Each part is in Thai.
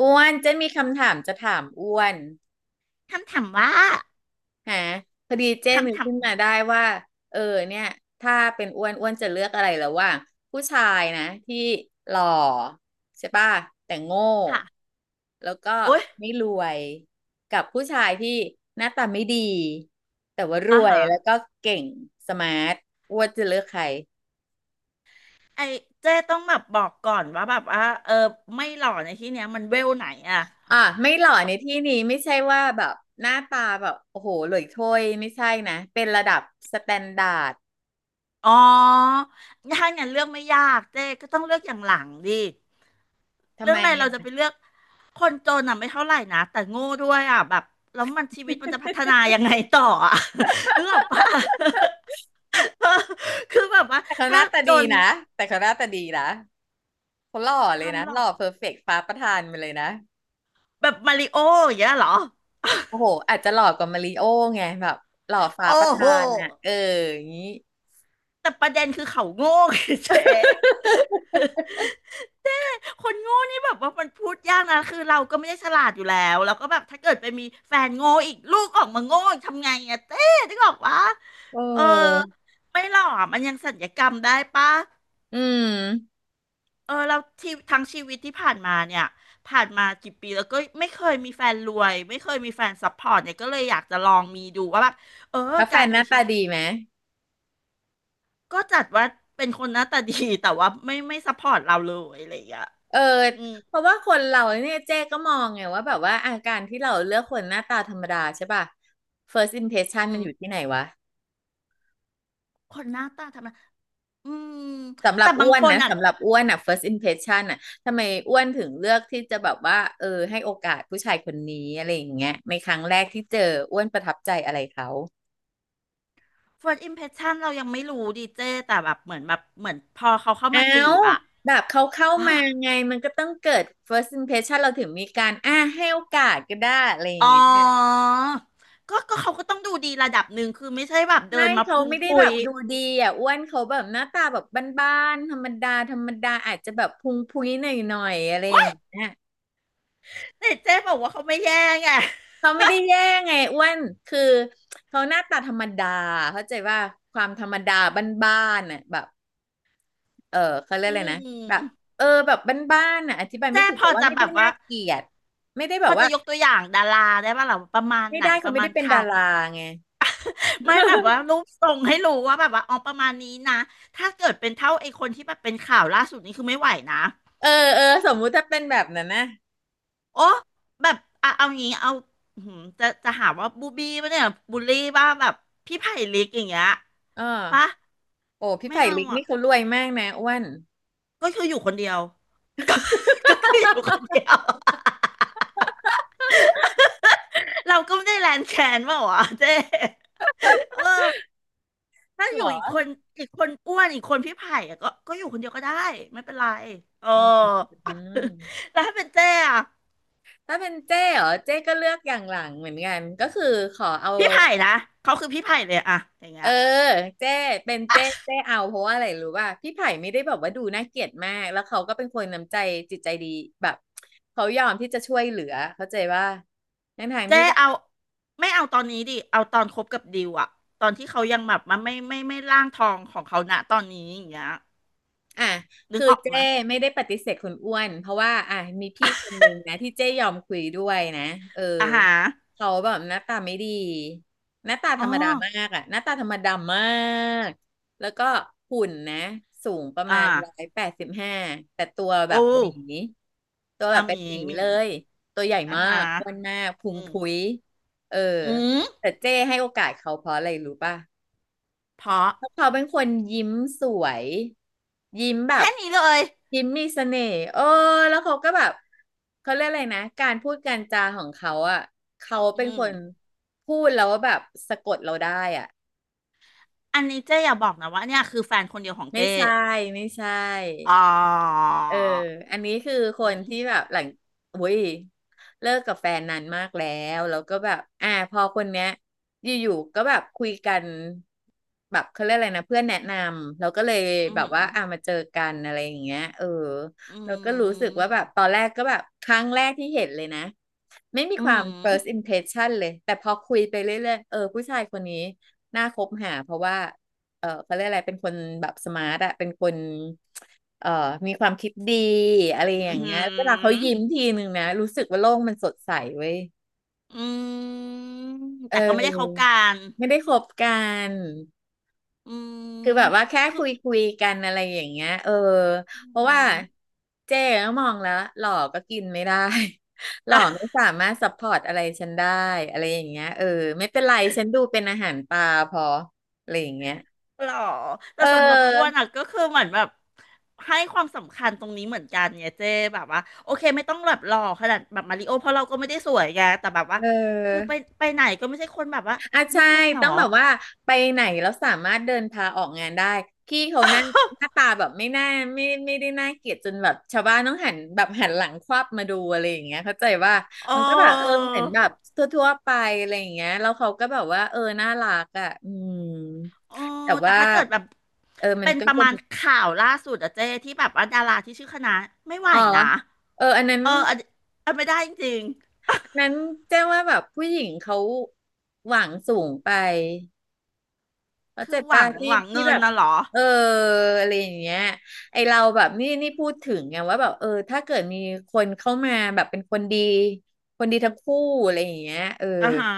อ้วนเจ้นมีคำถามจะถามอ้วนคำถามว่าฮะพอดีเจ้นนึคำกถาขึ้นมมาได้ว่าเออเนี่ยถ้าเป็นอ้วนอ้วนจะเลือกอะไรระหว่างผู้ชายนะที่หล่อใช่ป่ะแต่โง่ค่ะแล้วก็โอ๊ยไม่รวยกับผู้ชายที่หน้าตาไม่ดีแต่ว่ารอ่าวยฮะแล้วก็เก่งสมาร์ทอ้วนจะเลือกใครไอเจ้ต้องแบบบอกก่อนว่าแบบว่าไม่หล่อในที่เนี้ยมันเวลไหนอ่ะอ่ะไม่หล่อในที่นี้ไม่ใช่ว่าแบบหน้าตาแบบโอ้โหหล่ยโถ้ยไม่ใช่นะเป็นระดับสแตนดาร์ด อ๋อถ้างั้นเลือกไม่ยากเจ้ก็ต้องเลือกอย่างหลังดิทำเรื่อไมงอะไรเราอะ จะไปเลือกคนจนอ่ะไม่เท่าไหร่นะแต่โง่ด้วยอ่ะแบบแล้วมันชีวิตมันจะพัฒนา ยังไงต่ออ่ะ นึกออกปะ คือแบบว่าแต่เขาหถ้าน้าตาจดีนนะ แต่เขาหน้าตาดีนะ เขาหล่อคเลยวามนะหหล่อล่อเพอร์เฟกต์ฟ้าประทานไปเลยนะแบบมาริโออย่างเงี้ยเหรอโอ้โหอาจจะหล่อกว่ามาริโอไงแบบหล่อฟ้าโอ้ประโห ทานอ่ะ เอออย่างนี้ แต่ประเด็นคือเขาโง่ไงเจ๊ คนโง่นี่แบบว่ามันพูดยากนะคือเราก็ไม่ได้ฉลาดอยู่แล้วแล้วก็แบบถ้าเกิดไปมีแฟนโง่อีกลูกออกมาโง่อีกทำไงอะเต้นึกออกวะเเออออไม่หรอกมันยังสัญญกรรมได้ปะอืม เออเราที่ทั้งชีวิตที่ผ่านมาเนี่ยผ่านมากี่ปีแล้วก็ไม่เคยมีแฟนรวยไม่เคยมีแฟนซัพพอร์ตเนี่ยก็เลยอยากจะลองมีดูว่าแบบเออแล้วแฟการนหมีน้าชีตาวิตดีไหมก็จัดว่าเป็นคนหน้าตาดีแต่ว่าไม่ซัพพอร์ตเราเลยอะไรอย่างเงี้ย เอออืมเพราะว่าคนเราเนี่ยเจ๊ก็มองไงว่าแบบว่าอาการที่เราเลือกคนหน้าตาธรรมดาใช่ป่ะ first impression อืมันอยู่มที่ไหนวะ คนหน้าตาทำไมอืมสำหรัแต่บบางอ้วนคนนะอ่ะ สำหรับอ้วนอ่ะ first impression อ่ะทำไมอ้วนถึงเลือกที่จะแบบว่าเออให้โอกาสผู้ชายคนนี้อะไรอย่างเงี้ยในครั้งแรกที่เจออ้วนประทับใจอะไรเขา first impression เรายังไม่รู้ดีเจแต่แบบเหมือนพอเขาเข้าอ้ามาจีวบอ่ะ แบบเขาเข้า อ่ะมาไงมันก็ต้องเกิด first impression เราถึงมีการอ่าให้โอกาสก็ได้อะไรอย่าอ๋งอเงี้ยก็เขาก็ต้องดูดีระดับหนึ่งคือไม่ใช่แบบเดิไม่นมาเขาพุงไม่ได้พุแบยบดูดีอ่ะอ้วนเขาแบบหน้าตาแบบบ้านๆธรรมดาธรรมดาอาจจะแบบพุงพุ้ยหน่อยๆอะไรอว้าย่ายงเงี้ย แต่เจ๊บอกว่าเขาไม่แย่ไงเขาไม่ได้แย่ไงอ้วนคือเขาหน้าตาธรรมดาเข้าใจว่าความธรรมดาบ้านๆน่ะแบบเออเขาเรียกอือะไรมนะอืแบบมเออแบบบ้านๆน่ะอธิบายไม่เจ๊ถูกพแต่อว่าจะไม่แบได้บว่าน่าเกลียดไม่ได้แบพอบว่าจะยกตัวอย่างดาราได้ป่ะหรอประมาณไม่ไหนได้ปเขาระไม่มาได้ณเป็ใคนร ดาราไง ไม่แบบ ว่ารูปทรงให้รู้ว่าแบบว่าอ๋อประมาณนี้นะถ้าเกิดเป็นเท่าไอ้คนที่แบบเป็นข่าวล่าสุดนี้คือไม่ไหวนะเออเออสมมุติถ้าเป็นแบบนั้นนะโอ้แบบอ่ะเอางี้เอาอื้อหือจะหาว่าบูบี้ปะเนี่ยบูลลี่ว่าแบบพี่ไผ่ลิกอย่างเงี้ยเออปะโอ้พี่ไม่ไผ่เอาลิกอ่ะนี่เขารวยมากนะอ้วนก็คืออยู่คนเดียว ก็ก็คืออยู่คนเดียว เราก็ไม่ได้แลนแคนเปล่าวะเจ๊เออ ถ้าอเหรยู่อีกคอนอีกคนอ้วนอีกคนพี่ไผ่อะก็อยู่คนเดียวก็ได้ไม่เป็นไรเออ อืมอืม แล้วถ้าเป็นเจ้อะถ้าเป็นเจ้เหรอเจ้ก็เลือกอย่างหลังเหมือนกันก็คือขอเอา พี่ไผ่นะเขาคือพี่ไผ่เลยอะอย่างเอเงี้ยอเจ้เป็นเจ้เจ้เอาเพราะว่าอะไรรู้ป่ะพี่ไผ่ไม่ได้แบบว่าดูน่าเกลียดมากแล้วเขาก็เป็นคนน้ำใจจิตใจดีแบบเขายอมที่จะช่วยเหลือเข้าใจว่าทั้งทางเจ้ที่ เอาไม่เอาตอนนี้ดิเอาตอนคบกับดิวอะตอนที่เขายังแบบมันไม่ร่างทองของเขาณตอนนี้อย่างเงี้ยอ่ะนึกคือออกเจ้มาไม่ได้ปฏิเสธคุณอ้วนเพราะว่าอ่ะมีพี่คนหนึ่งนะที่เจ้ยอมคุยด้วยนะเอออาหาเขาแบบหน้าตาไม่ดีหน้าตาธอ๋อรรมดามากอ่ะหน้าตาธรรมดามากแล้วก็หุ่นนะสูงประมาอ่าณ185แต่ตัวแบโอ้บหมีตัวแบอาบหเป็นมีหมีหมีเลยตัวใหญ่อามาหากอ้วนมากพุอืงมพุ้ยเอออืมแต่เจ้ให้โอกาสเขาเพราะอะไรรู้ป่ะ เพราะแล้วเขาเป็นคนยิ้มสวยยิ้มแบบแค่นี้เลยยิ้มมีเสน่ห์เออแล้วเขาก็แบบเขาเรียกอะไรนะการพูดการจาของเขาอ่ะเขาอืเป็นคม นพูดแล้วแบบสะกดเราได้อ่ะอันนี้เจ๊อย่าบอกนะว่าเนี่ยคือแฟนคนเดียวของไม่เจ๊ใช่ไม่ใช่ อ๋อเอออันนี้คือคอืนมที่แบบหลังอุ้ยเลิกกับแฟนนานมากแล้วแล้วก็แบบอ่าพอคนเนี้ยอยู่ๆก็แบบคุยกันแบบเขาเรียกอะไรนะเพื่อนแนะนำเราก็เลยอืแบบมว่าอ่ามาเจอกันอะไรอย่างเงี้ยเอออืเราก็รู้สึกมว่าแบบตอนแรกก็แบบครั้งแรกที่เห็นเลยนะไม่มีอืความ ม first impression เลยแต่พอคุยไปเรื่อยๆเออผู้ชายคนนี้น่าคบหาเพราะว่าเออเขาเรียกอะไรเป็นคนแบบสมาร์ทอะเป็นคน เอ่อมีความคิดดีอะไรอย่าอืงเงี้ยเวลาเขามยิ้มทีนึงนะรู้สึกว่าโลกมันสดใสเว้ยอืมเแต่ก็ไม่ได้เขาออกันไม่ได้คบกันอืคือแบมบว่าแค่คือคุยกันอะไรอย่างเงี้ยเออเพราะอืว่าม เจ๊ก็มองแล้วหล่อก็กินไม่ได้ หล่อไม่ สามารถซัพพอร์ตอะไรฉันได้อะไรอย่างเงี้ยเออไม่เป็นไรฉันดูเป็นอาหารปลาพออะไรอย่างเงี้ยหรอเแต่สำหรับอ้วนอออ่ะก็คือเหมือนแบบให้ความสำคัญตรงนี้เหมือนกันไงเจ๊แบบว่าโอเคไม่ต้องแบบหล่อขนาดแบบมาริโอเพราะเราก็ไม่ได้สวยไงแต่แบบว่าเอคือไปอ ไปไหนก็ไม่ใช่คนแบบว่าอ่ะนี่ใช่แฟนเหรต้อ องแบบว่าไปไหนแล้วสามารถเดินพาออกงานได้พี่เขาหน้าหน้าตาแบบไม่น่าไม่ไม่ได้น่าเกลียดจนแบบชาวบ้านต้องหันแบบหันหลังควับมาดูอะไรอย่างเงี้ยเข้าใจว่าเอมันก็แบบเอออเหมือนแบบทั่วๆไปอะไรอย่างเงี้ยแล้วเขาก็แบบว่าเออน่ารักอ่ะอืมเอแต่อแต่ว่าถ้าเกิดแบบเออมันเป็นก็ประจะมาณมีข่าวล่าสุดอะเจ้ที่แบบว่าดาราที่ชื่อคณะไม่ไหวอ๋อนะ เอออันนั้นเอออันอันไม่ได้จริงอันนั้นแจ้งว่าแบบผู้หญิงเขาหวังสูงไป ๆ เข้าคืใจอหป่ะวังที่หวังที่เงิแบนบนะเหรอเอออะไรอย่างเงี้ยไอเราแบบนี่นี่พูดถึงไงว่าแบบถ้าเกิดมีคนเข้ามาแบบเป็นคนดีคนดีทั้งคู่อะไรอย่างเงี้ยอ่าฮะ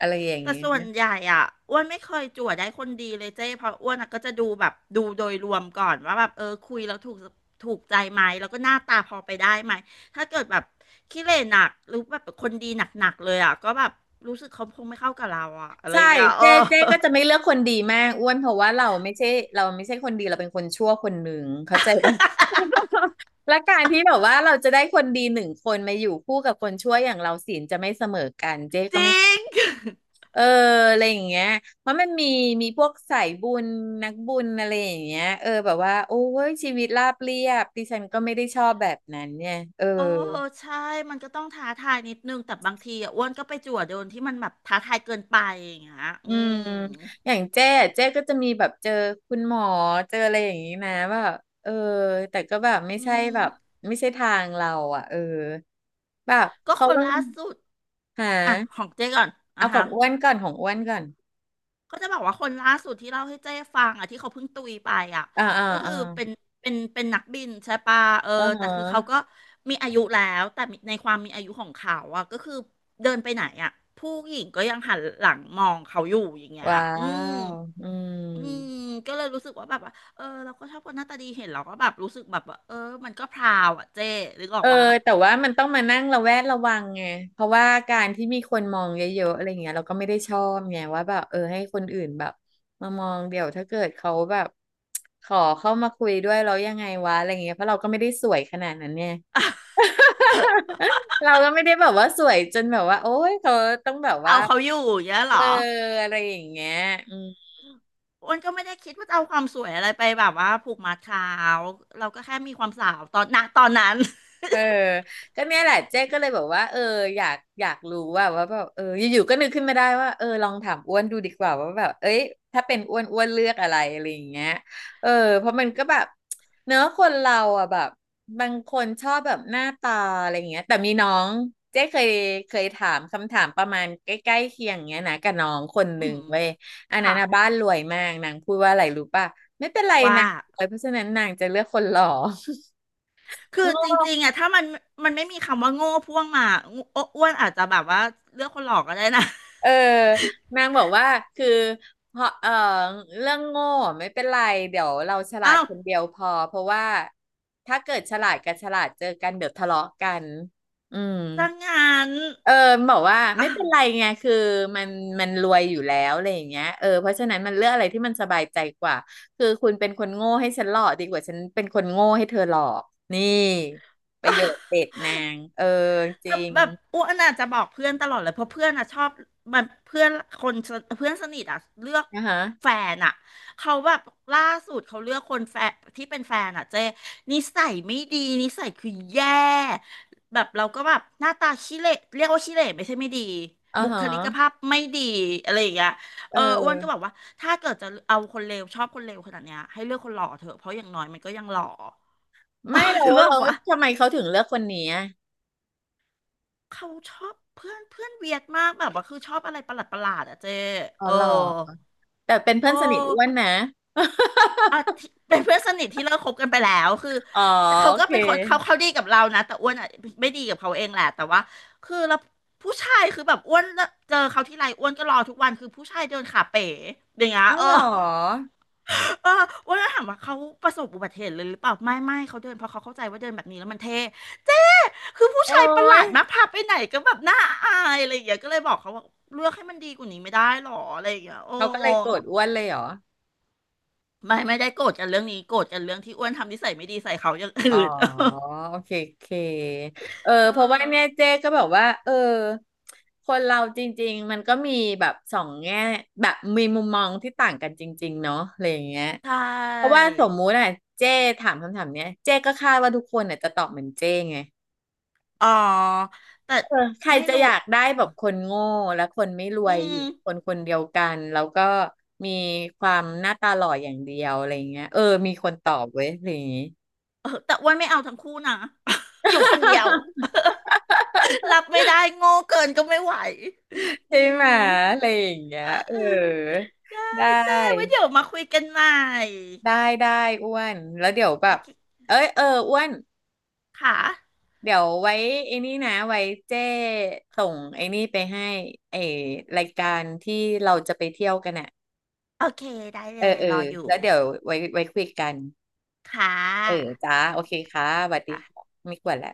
อะไรอย่างแต่ส่วเงี้นยใหญ่อ่ะอ้วนไม่เคยจั่วได้คนดีเลยเจ้เพราะอ้วนอะก็จะดูแบบดูโดยรวมก่อนว่าแบบเออคุยแล้วถูกใจไหมแล้วก็หน้าตาพอไปได้ไหมถ้าเกิดแบบขี้เหร่หนักหรือแบบคนดีหนักๆเลยอ่ะก็แบบรู้สึกเขาคงไม่เข้ากับเราอ่ะอะไรใช่อย่างเงี้ยเออ เจ๊เจ๊ก็จะไม่เลือกคนดีมากอ้วนเพราะว่าเราไม่ใช่เราไม่ใช่คนดีเราเป็นคนชั่วคนหนึ่งเข้าใจป่ะ และการที่แบบว่าเราจะได้คนดีหนึ่งคนมาอยู่คู่กับคนชั่วอย่างเราศีลจะไม่เสมอกันเจ๊จก็ไม่ ริง เอออะไรอย่างเงี้ยเพราะมันมีมีพวกสายบุญนักบุญอะไรอย่างเงี้ยแบบว่าโอ้ยชีวิตราบเรียบดิฉันก็ไม่ได้ชอบแบบนั้นเนี่ยโอ้ใช่มันก็ต้องท้าทายนิดนึงแต่บางทีอ่ะอ้วนก็ไปจั่วโดนที่มันแบบท้าทายเกินไปอย่างเงี้ยอือืมมอย่างเจ๊อะเจ๊ก็จะมีแบบเจอคุณหมอเจออะไรอย่างงี้นะว่าแบบเออแต่ก็แบบไม่อืใช่มแบบไม่ใช่ทางเราอ่ะเออแบบก็เขาคนต้องล่าสุดหาอ่ะของเจ๊ก่อนอ่ะเอาขอฮะงอ้วนก่อนของอ้วนก่อนก็จะบอกว่าคนล่าสุดที่เล่าให้เจ๊ฟังอ่ะที่เขาเพิ่งตุยไปอ่ะอ่าอ่าก็คืออ่าเป็นเป็นนักบินใช่ปะเอออ่าแต่ฮะคือเขาก็มีอายุแล้วแต่ในความมีอายุของเขาอ่ะก็คือเดินไปไหนอ่ะผู้หญิงก็ยังหันหลังมองเขาอยู่อย่างเงี้ยว้าอืม วอืม อืมก็เลยรู้สึกว่าแบบว่าเออเราก็ชอบคนหน้าตาดีเห็นเราก็แบบรู้สึกแบบว่าเออมันก็พราวอ่ะเจ๊นึกออเอกอว่าแต่ว่ามันต้องมานั่งระแวดระวังไงเพราะว่าการที่มีคนมองเยอะๆอะไรเงี้ยเราก็ไม่ได้ชอบไงว่าแบบให้คนอื่นแบบมามองเดี๋ยวถ้าเกิดเขาแบบขอเข้ามาคุยด้วยเรายังไงวะอะไรเงี้ยเพราะเราก็ไม่ได้สวยขนาดนั้นเนี่ย เราก็ไม่ได้แบบว่าสวยจนแบบว่าโอ๊ยเขาต้องแบบว่าเอาเขาอยู่อย่างเงี้ยเหเอรอออะไรอย่างเงี้ยอืม อ้วนก็ไม่ได้คิดว่าจะเอาความสวยอะไรไปแบบว่าผูกมัดเขาเราก็แค่มีความสาวตอนนั้น เออก็เนี่ยแหละเจ๊ก็เลยบอกว่าอยากอยากรู้ว่าว่าแบบอยู่ๆก็นึกขึ้นมาได้ว่าลองถามอ้วนดูดีกว่าว่าแบบเอ้ยถ้าเป็นอ้วนอ้วนเลือกอะไรอะไรอย่างเงี้ยเออเพราะมันก็แบบเนื้อะคนเราอ่ะแบบบางคนชอบแบบหน้าตาอะไรอย่างเงี้ยแต่มีน้องเจ๊เคยเคยถามคำถามประมาณใกล้ๆเคียงเงี้ยนะกับน้องคนหอืนึ่งมเว้ยอันนั้นค่ะนะบ้านรวยมากนางพูดว่าอะไรรู้ป่ะไม่เป็นไรว่า นางรวยเพราะฉะนั้นนางจะเลือกคนหล่อ คืองจง ริงๆอ่ะถ้ามันไม่มีคำว่าโง่พ่วงมาอ้วนอาจจะแบบว่าเลือกคนหลอกก็ได้นะ เออนางบอกว่าคือเพราะเรื่องโง่ไม่เป็นไรเดี๋ยวเราฉ ลาดอ้าวคนเดียวพอเพราะว่าถ้าเกิดฉลาดกับฉลาดเจอกันเดี๋ยวทะเลาะกันอืมซะงั้น เออบอกว่า อ่ะ ไม่เป็นไรไงคือมันมันรวยอยู่แล้วอะไรอย่างเงี้ยเพราะฉะนั้นมันเลือกอะไรที่มันสบายใจกว่าคือคุณเป็นคนโง่ให้ฉันหลอกดีกว่าฉันเป็นคนโง่ให้เธอหลอกนี่ประโยคเด็ดนางจแต่ริงแบบอ้วนอาจจะบอกเพื่อนตลอดเลยเพราะเพื่อนอ่ะชอบมันเพื่อนคนสเพื่อนสนิทอ่ะเลือกนะคะแฟนอ่ะเขาแบบล่าสุดเขาเลือกคนแฟนที่เป็นแฟนอ่ะเจ๊นิสัยไม่ดีนิสัยคือแย่แบบเราก็แบบหน้าตาขี้เหร่เรียกว่าขี้เหร่ไม่ใช่ไม่ดีอ๋อบุคฮะลิกภาพไม่ดีอะไรอย่างเงี้ยเอเอออ้วนก็บอ อกว่าถ้าเกิดจะเอาคนเลวชอบคนเลวขนาดเนี้ยให้เลือกคนหล่อเถอะเพราะอย่างน้อยมันก็ยังหล่อ ไม่หรอ กเึอหอรกอป ทำไมเขาถึงเลือกคนนี้อะเขาชอบเพื่อนเพื่อนเวียดมากแบบว่าคือชอบอะไรประหลาดอะเจอ๋อเออหรอแต่เป็นโอเพื่อนสนิทอ้วน้นะ อ่ะที่ เป็นเพื่อนสนิทที่เลิกคบกันไปแล้วคืออ๋อเขาโอก็เคเป็นคนเขาดีกับเรานะแต่อ้วนอ่ะไม่ดีกับเขาเองแหละแต่ว่าคือเราผู้ชายคือแบบอ้วนเจอเขาที่ไรอ้วนก็รอทุกวันคือผู้ชายเดินขาเป๋อย่างเงี้ยเอ้าเออหรอเอออ้วนก็ถามว่าเขาประสบอุบัติเหตุเลยหรือเปล่าไม่เขาเดินเพราะเขาเข้าใจว่าเดินแบบนี้แล้วมันเท่ คือผู้โอ้ชายประหลายดมากพาไปไหนก็แบบน่าอายอะไรอย่างเงี้ยก็เลยบอกเขาว่าเลือกให้มันดีกว่านี้ไม่ได้หรออะไรอย่างเงี้ยโอ้เขาก็เลยโกรธอ้วนเลยเหรอไม่ได้โกรธกันเรื่องนี้โกรธกันเรื่องที่อ้วนทำนิสัยไม่ดีใส่เขาอย่างอ๋ออื่น โอเคโอเคเเพราะว่าเนี่ยออเจ๊ก็แบบว่าคนเราจริงๆมันก็มีแบบสองแง่แบบมีมุมมองที่ต่างกันจริงๆเนาะอะไรอย่างเงี้ยใช่เพราะว่าสมมุติอ่ะเจ๊ถามคำถามเนี้ยเจ๊ก็คาดว่าทุกคนน่ะจะตอบเหมือนเจ๊ไง อ๋อแต่เออใครไม่จะรู้อยากได้แบบคนโง่และคนไม่รวอืยอยู่มในคนคนเดียวกันแล้วก็มีความหน้าตาหล่ออย่างเดียวอะไรอย่างเงี้ยมีคนตอบเว้ยอะไรอย่างงี้เออแต่อ้วนไม่เอาทั้งคู่นะ อยู่คนเดียว รับไม่ได้โง่เกินก็ไม่ไหวอืใช่ไหมมอะไรอย่างเงี้ยเออเออได้ไดเจ้ไว้้เดี๋ยวมาคุยกันใหม่ได้ได้อ้วนแล้วเดี๋ยวแบโอบเคเอ้ยอ้วนค่ะ เดี๋ยวไว้ไอ้นี่นะไว้เจ้ส่งไอ้นี่ไปให้ไอ้รายการที่เราจะไปเที่ยวกันอ่ะโอเคได้เอเลอยเออรออยู่แล้วเดี๋ยวไว้ไว้คุยกัน ค่เออะจ้าโอเคค่ะสวัสดีค่ะค่ะไม่กวนแล้ว